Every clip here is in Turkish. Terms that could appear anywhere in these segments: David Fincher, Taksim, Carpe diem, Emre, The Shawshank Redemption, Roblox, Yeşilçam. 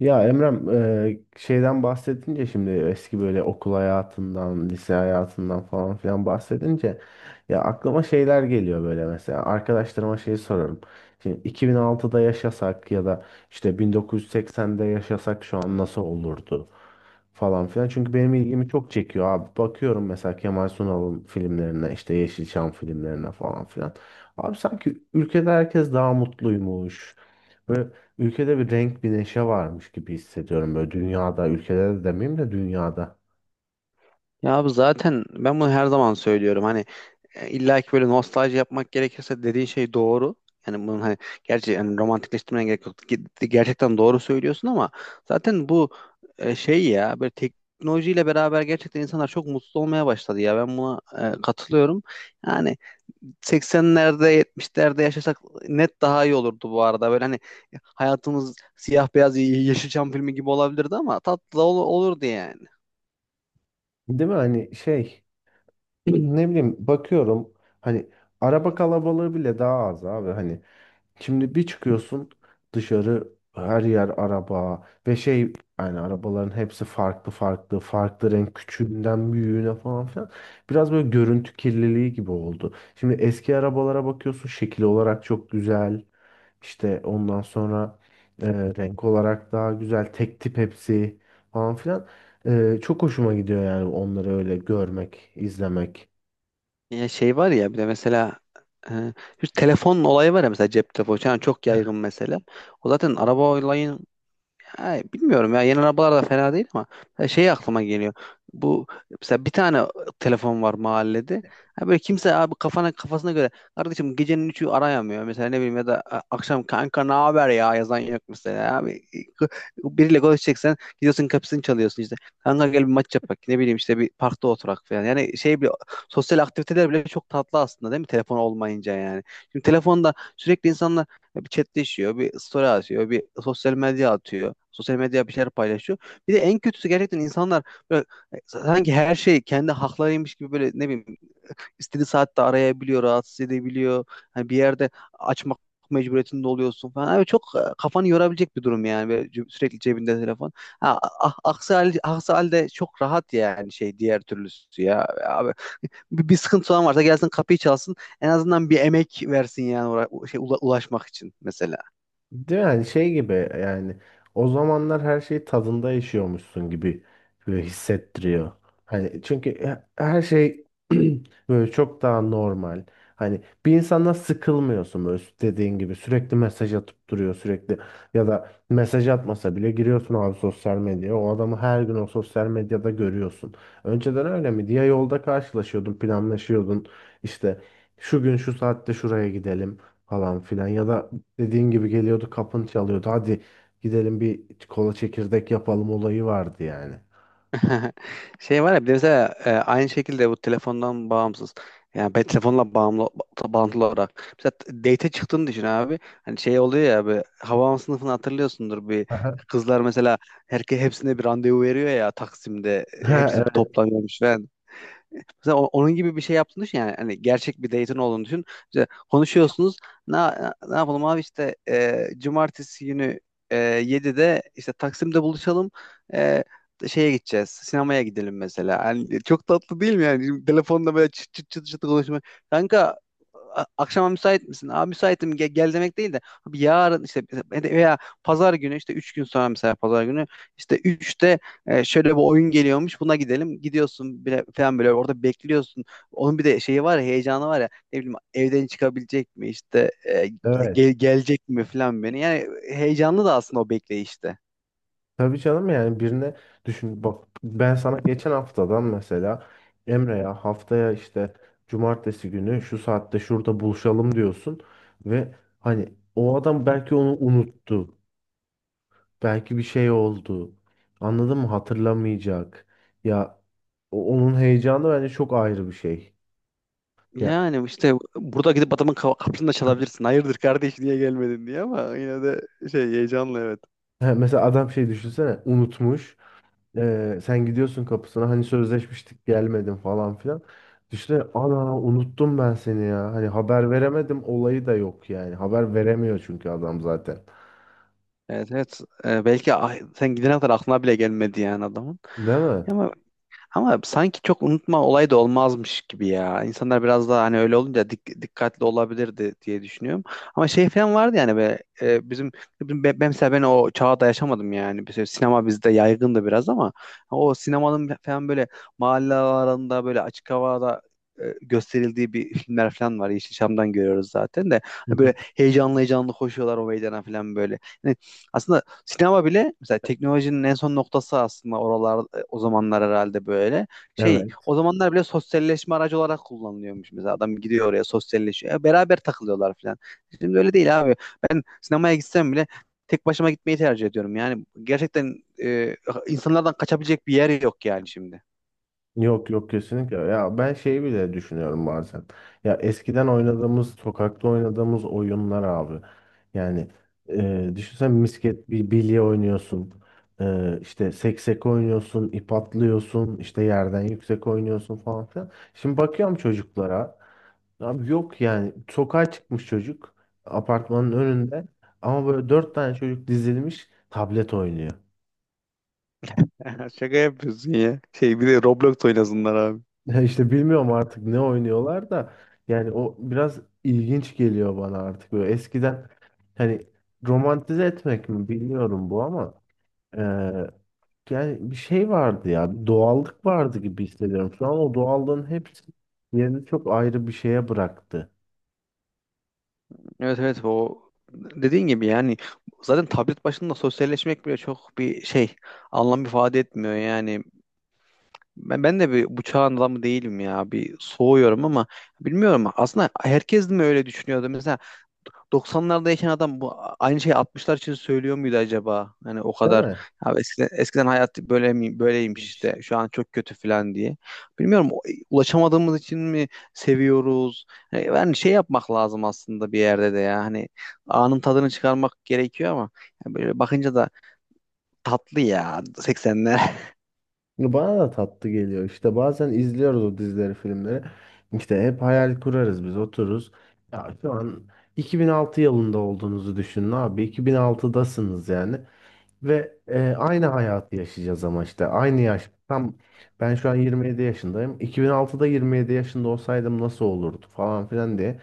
Ya Emrem, şeyden bahsedince, şimdi eski böyle okul hayatından, lise hayatından falan filan bahsedince ya aklıma şeyler geliyor. Böyle mesela arkadaşlarıma şeyi sorarım. Şimdi 2006'da yaşasak ya da işte 1980'de yaşasak şu an nasıl olurdu falan filan. Çünkü benim ilgimi çok çekiyor abi. Bakıyorum mesela Kemal Sunal'ın filmlerine, işte Yeşilçam filmlerine falan filan. Abi, sanki ülkede herkes daha mutluymuş. Böyle ülkede bir renk, bir neşe varmış gibi hissediyorum, böyle dünyada, ülkede de demeyeyim de dünyada. Ya abi zaten ben bunu her zaman söylüyorum. Hani illa ki böyle nostalji yapmak gerekirse dediğin şey doğru. Yani bunun hani gerçi yani romantikleştirmene gerek yok. Gerçekten doğru söylüyorsun ama zaten bu şey ya böyle teknolojiyle beraber gerçekten insanlar çok mutsuz olmaya başladı ya. Ben buna katılıyorum. Yani 80'lerde 70'lerde yaşasak net daha iyi olurdu bu arada. Böyle hani hayatımız siyah beyaz Yeşilçam filmi gibi olabilirdi ama tatlı da olurdu yani. Değil mi? Hani şey, ne bileyim, bakıyorum, hani araba kalabalığı bile daha az abi. Hani şimdi bir çıkıyorsun dışarı, her yer araba ve şey, yani arabaların hepsi farklı, farklı farklı renk, küçüğünden büyüğüne falan filan, biraz böyle görüntü kirliliği gibi oldu. Şimdi eski arabalara bakıyorsun, şekil olarak çok güzel, işte ondan sonra e, renk olarak daha güzel, tek tip hepsi falan filan. Çok hoşuma gidiyor yani onları öyle görmek, izlemek. Ya şey var ya bir de mesela e, şu telefon olayı var ya mesela cep telefonu. Yani çok yaygın mesela. O zaten araba olayın yani bilmiyorum ya yeni arabalar da fena değil ama ha, şey aklıma geliyor. Bu mesela bir tane telefon var mahallede. Ha böyle kimse abi kafasına göre kardeşim gecenin üçü arayamıyor. Mesela ne bileyim ya da akşam kanka ne haber ya yazan yok mesela abi. K- Biriyle konuşacaksan gidiyorsun kapısını çalıyorsun işte. Kanka gel bir maç yapak ne bileyim işte bir parkta oturak falan. Yani şey bile sosyal aktiviteler bile çok tatlı aslında değil mi telefon olmayınca yani. Şimdi telefonda sürekli insanlar bir chatleşiyor, bir story atıyor, bir sosyal medya atıyor. Sosyal medya bir şeyler paylaşıyor. Bir de en kötüsü gerçekten insanlar böyle sanki her şey kendi haklarıymış gibi böyle ne bileyim istediği saatte arayabiliyor, rahatsız edebiliyor. Hani bir yerde açmak mecburiyetinde oluyorsun falan. Abi çok kafanı yorabilecek bir durum yani. Böyle sürekli cebinde telefon. Ha, aksi halde çok rahat yani şey diğer türlüsü ya. Abi bir sıkıntı olan varsa gelsin kapıyı çalsın en azından bir emek versin yani şey, ulaşmak için mesela. Değil mi? Yani şey gibi yani, o zamanlar her şey tadında yaşıyormuşsun gibi böyle hissettiriyor. Hani çünkü her şey böyle çok daha normal. Hani bir insanla sıkılmıyorsun. Böyle dediğin gibi sürekli mesaj atıp duruyor, sürekli, ya da mesaj atmasa bile giriyorsun abi sosyal medyaya, o adamı her gün o sosyal medyada görüyorsun. Önceden öyle mi diye, yolda karşılaşıyordun, planlaşıyordun, işte şu gün şu saatte şuraya gidelim falan filan, ya da dediğin gibi geliyordu, kapını çalıyordu. Hadi gidelim, bir kola, çekirdek yapalım olayı vardı yani. Şey var ya bir de mesela aynı şekilde bu telefondan bağımsız. Yani ben telefonla bağımlı bağlantılı olarak. Mesela date çıktığını düşün abi. Hani şey oluyor ya bir Havaalanı sınıfını hatırlıyorsundur bir Aha. kızlar mesela hepsine bir randevu veriyor ya Taksim'de Ha, hepsi evet, toplanıyormuş ve mesela onun gibi bir şey yaptığını düşün yani hani gerçek bir date'in olduğunu düşün. İşte konuşuyorsunuz. Ne, ne yapalım abi işte cumartesi günü 7'de işte Taksim'de buluşalım. E, Şeye gideceğiz. Sinemaya gidelim mesela. Hani çok tatlı değil mi yani? Şimdi telefonda böyle çıt çıt çıt çıt konuşmak. Kanka akşama müsait misin? Abi müsaitim gel, demek değil de abi yarın işte veya pazar günü işte 3 gün sonra mesela pazar günü işte 3'te. Şöyle bir oyun geliyormuş buna gidelim gidiyorsun bile, falan böyle orada bekliyorsun onun bir de şeyi var ya heyecanı var ya ne bileyim evden çıkabilecek mi işte evet. Gelecek mi falan beni yani heyecanlı da aslında o bekleyişte. Tabii canım, yani birine, düşün bak, ben sana geçen haftadan mesela, Emre'ya haftaya işte cumartesi günü şu saatte şurada buluşalım diyorsun ve hani o adam belki onu unuttu. Belki bir şey oldu. Anladın mı? Hatırlamayacak. Ya, onun heyecanı bence çok ayrı bir şey. Ya, Yani işte burada gidip adamın kapısını da çalabilirsin. Hayırdır kardeş niye gelmedin diye ama yine de şey heyecanlı evet. he, mesela adam şey, düşünsene, unutmuş. Sen gidiyorsun kapısına, hani sözleşmiştik, gelmedin falan filan. Düşünsene, ana unuttum ben seni ya. Hani haber veremedim olayı da yok yani. Haber veremiyor çünkü adam zaten. Evet, evet. Belki sen gidene kadar aklına bile gelmedi yani adamın. Değil mi? Ama Ama sanki çok unutma olayı da olmazmış gibi ya. İnsanlar biraz daha hani öyle olunca dikkatli olabilirdi diye düşünüyorum. Ama şey falan vardı yani ben mesela ben o çağda yaşamadım yani. Mesela sinema bizde yaygındı biraz ama o sinemanın falan böyle mahalle aralarında böyle açık havada gösterildiği bir filmler falan var. Yeşilçam'dan görüyoruz zaten de. Hı Hani hı. böyle heyecanlı heyecanlı koşuyorlar o meydana falan böyle. Yani aslında sinema bile mesela teknolojinin en son noktası aslında oralar o zamanlar herhalde böyle. Şey Evet. o zamanlar bile sosyalleşme aracı olarak kullanılıyormuş mesela. Adam gidiyor oraya sosyalleşiyor. Ya beraber takılıyorlar falan. Şimdi öyle değil abi. Ben sinemaya gitsem bile tek başıma gitmeyi tercih ediyorum. Yani gerçekten e, insanlardan kaçabilecek bir yer yok yani şimdi. Yok, yok, kesinlikle. Ya ben şeyi bile düşünüyorum bazen. Ya eskiden oynadığımız, sokakta oynadığımız oyunlar abi. Yani Düşünsen misket, bir bilye oynuyorsun. E, işte seksek oynuyorsun, ip atlıyorsun, işte yerden yüksek oynuyorsun falan filan. Şimdi bakıyorum çocuklara. Abi, yok yani, sokağa çıkmış çocuk apartmanın önünde, ama böyle dört tane çocuk dizilmiş tablet oynuyor. Şaka yapıyorsun ya. Şey bir de Roblox oynasınlar abi. Ya işte bilmiyorum artık ne oynuyorlar da, yani o biraz ilginç geliyor bana artık. Böyle eskiden, hani, romantize etmek mi bilmiyorum bu ama, eee, yani bir şey vardı ya, bir doğallık vardı gibi hissediyorum. Şu an o doğallığın hepsi yerini çok ayrı bir şeye bıraktı. Evet, evet, o dediğin gibi yani zaten tablet başında sosyalleşmek bile çok bir şey anlam ifade etmiyor yani. Ben de bir bu çağın adamı değilim ya. Bir soğuyorum ama bilmiyorum. Aslında herkes mi öyle düşünüyordu? Mesela 90'larda yaşayan adam bu aynı şeyi 60'lar için söylüyor muydu acaba? Hani o Değil kadar mi? ya eskiden hayat böyle mi, böyleymiş işte. Şu an çok kötü falan diye. Bilmiyorum ulaşamadığımız için mi seviyoruz? Hani yani şey yapmak lazım aslında bir yerde de ya. Hani anın tadını çıkarmak gerekiyor ama yani böyle bakınca da tatlı ya 80'ler. Bana da tatlı geliyor. İşte bazen izliyoruz o dizileri, filmleri. İşte hep hayal kurarız biz, otururuz. Ya şu an 2006 yılında olduğunuzu düşünün abi. 2006'dasınız yani. Ve aynı hayatı yaşayacağız ama işte aynı yaş. Tam ben şu an 27 yaşındayım. 2006'da 27 yaşında olsaydım nasıl olurdu falan filan diye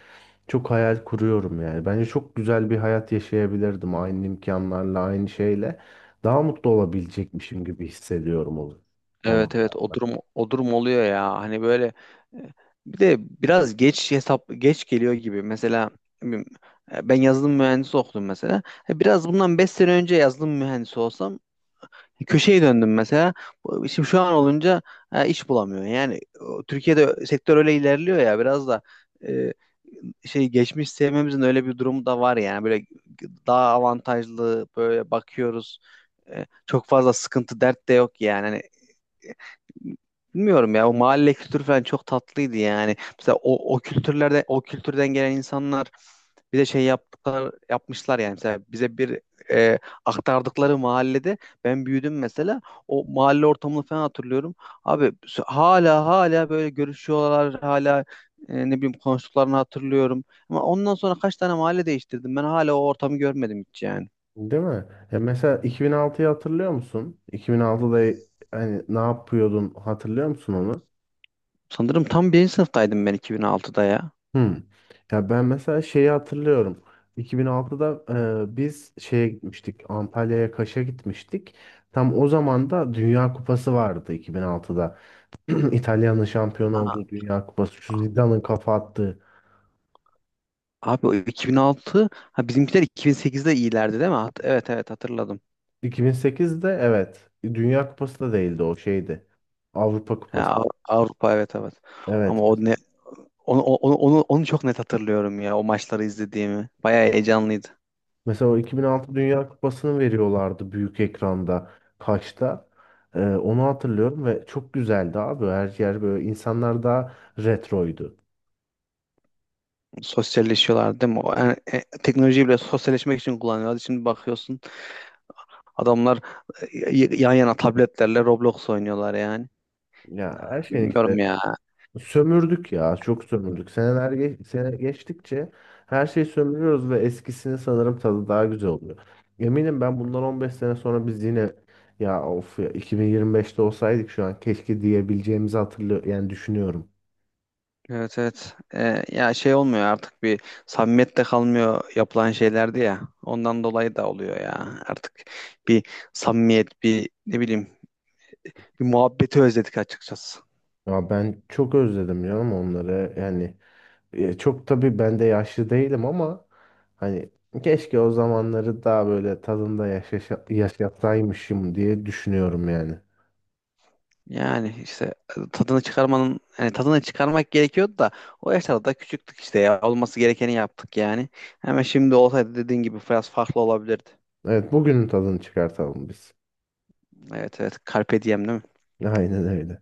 çok hayal kuruyorum yani. Bence çok güzel bir hayat yaşayabilirdim aynı imkanlarla, aynı şeyle. Daha mutlu olabilecekmişim gibi hissediyorum o Evet, zamanlar. evet, o durum oluyor ya hani böyle e, bir de biraz geç hesap geç geliyor gibi mesela ne bileyim, ben yazılım mühendisi okudum mesela. Biraz bundan 5 sene önce yazılım mühendisi olsam köşeye döndüm mesela. Şimdi şu an olunca iş bulamıyorum yani o, Türkiye'de sektör öyle ilerliyor ya biraz da e, şey geçmiş sevmemizin öyle bir durumu da var yani böyle daha avantajlı böyle bakıyoruz. Çok fazla sıkıntı dert de yok yani. Hani, bilmiyorum ya o mahalle kültürü falan çok tatlıydı yani. Mesela o kültürlerde o kültürden gelen insanlar bir de şey yaptıklar yapmışlar yani. Mesela bize bir e, aktardıkları mahallede ben büyüdüm mesela. O mahalle ortamını falan hatırlıyorum. Abi hala böyle görüşüyorlar hala ne bileyim konuştuklarını hatırlıyorum. Ama ondan sonra kaç tane mahalle değiştirdim. Ben hala o ortamı görmedim hiç yani. Değil mi? Ya mesela 2006'yı hatırlıyor musun? 2006'da hani ne yapıyordun, hatırlıyor musun onu? Sanırım tam birinci sınıftaydım ben 2006'da ya. Hmm. Ya ben mesela şeyi hatırlıyorum. 2006'da biz şeye gitmiştik. Antalya'ya, Kaş'a gitmiştik. Tam o zaman da Dünya Kupası vardı, 2006'da. İtalya'nın şampiyon olduğu Dünya Kupası. Şu Zidane'ın kafa attığı. Abi o 2006 ha bizimkiler 2008'de iyilerdi değil mi? Evet, evet, hatırladım. 2008'de, evet. Dünya Kupası da değildi, o şeydi, Avrupa Ha, Kupası. Avrupa. Evet, evet. Ama Evet. o ne onu çok net hatırlıyorum ya o maçları izlediğimi. Bayağı heyecanlıydı. Mesela o 2006 Dünya Kupası'nı veriyorlardı büyük ekranda. Kaçta? Onu hatırlıyorum ve çok güzeldi abi. Her yer böyle, insanlar daha retroydu. Sosyalleşiyorlar değil mi? Yani, teknolojiyi bile sosyalleşmek için kullanıyorlar. Şimdi bakıyorsun adamlar yan yana tabletlerle Roblox oynuyorlar yani. Ya her şey Bilmiyorum işte, ya. sömürdük ya, çok sömürdük. Seneler sene geçtikçe her şeyi sömürüyoruz ve eskisini sanırım tadı daha güzel oluyor. Eminim, ben bundan 15 sene sonra biz yine, ya of ya 2025'te olsaydık şu an keşke diyebileceğimizi hatırlıyorum yani, düşünüyorum. Evet, evet. Ya şey olmuyor artık bir samimiyet de kalmıyor yapılan şeylerdi ya. Ondan dolayı da oluyor ya. Artık bir samimiyet, bir ne bileyim, bir muhabbeti özledik açıkçası. Ya ben çok özledim ya ama onları yani, çok tabii ben de yaşlı değilim ama hani keşke o zamanları daha böyle tadında yaşa, yaşatsaymışım diye düşünüyorum yani. Yani işte tadını çıkarmanın hani tadını çıkarmak gerekiyordu da o yaşlarda da küçüktük işte ya. Olması gerekeni yaptık yani. Hemen şimdi olsaydı dediğin gibi biraz farklı olabilirdi. Evet, bugünün tadını çıkartalım biz. Evet, evet. Carpe diem değil mi? Aynen öyle.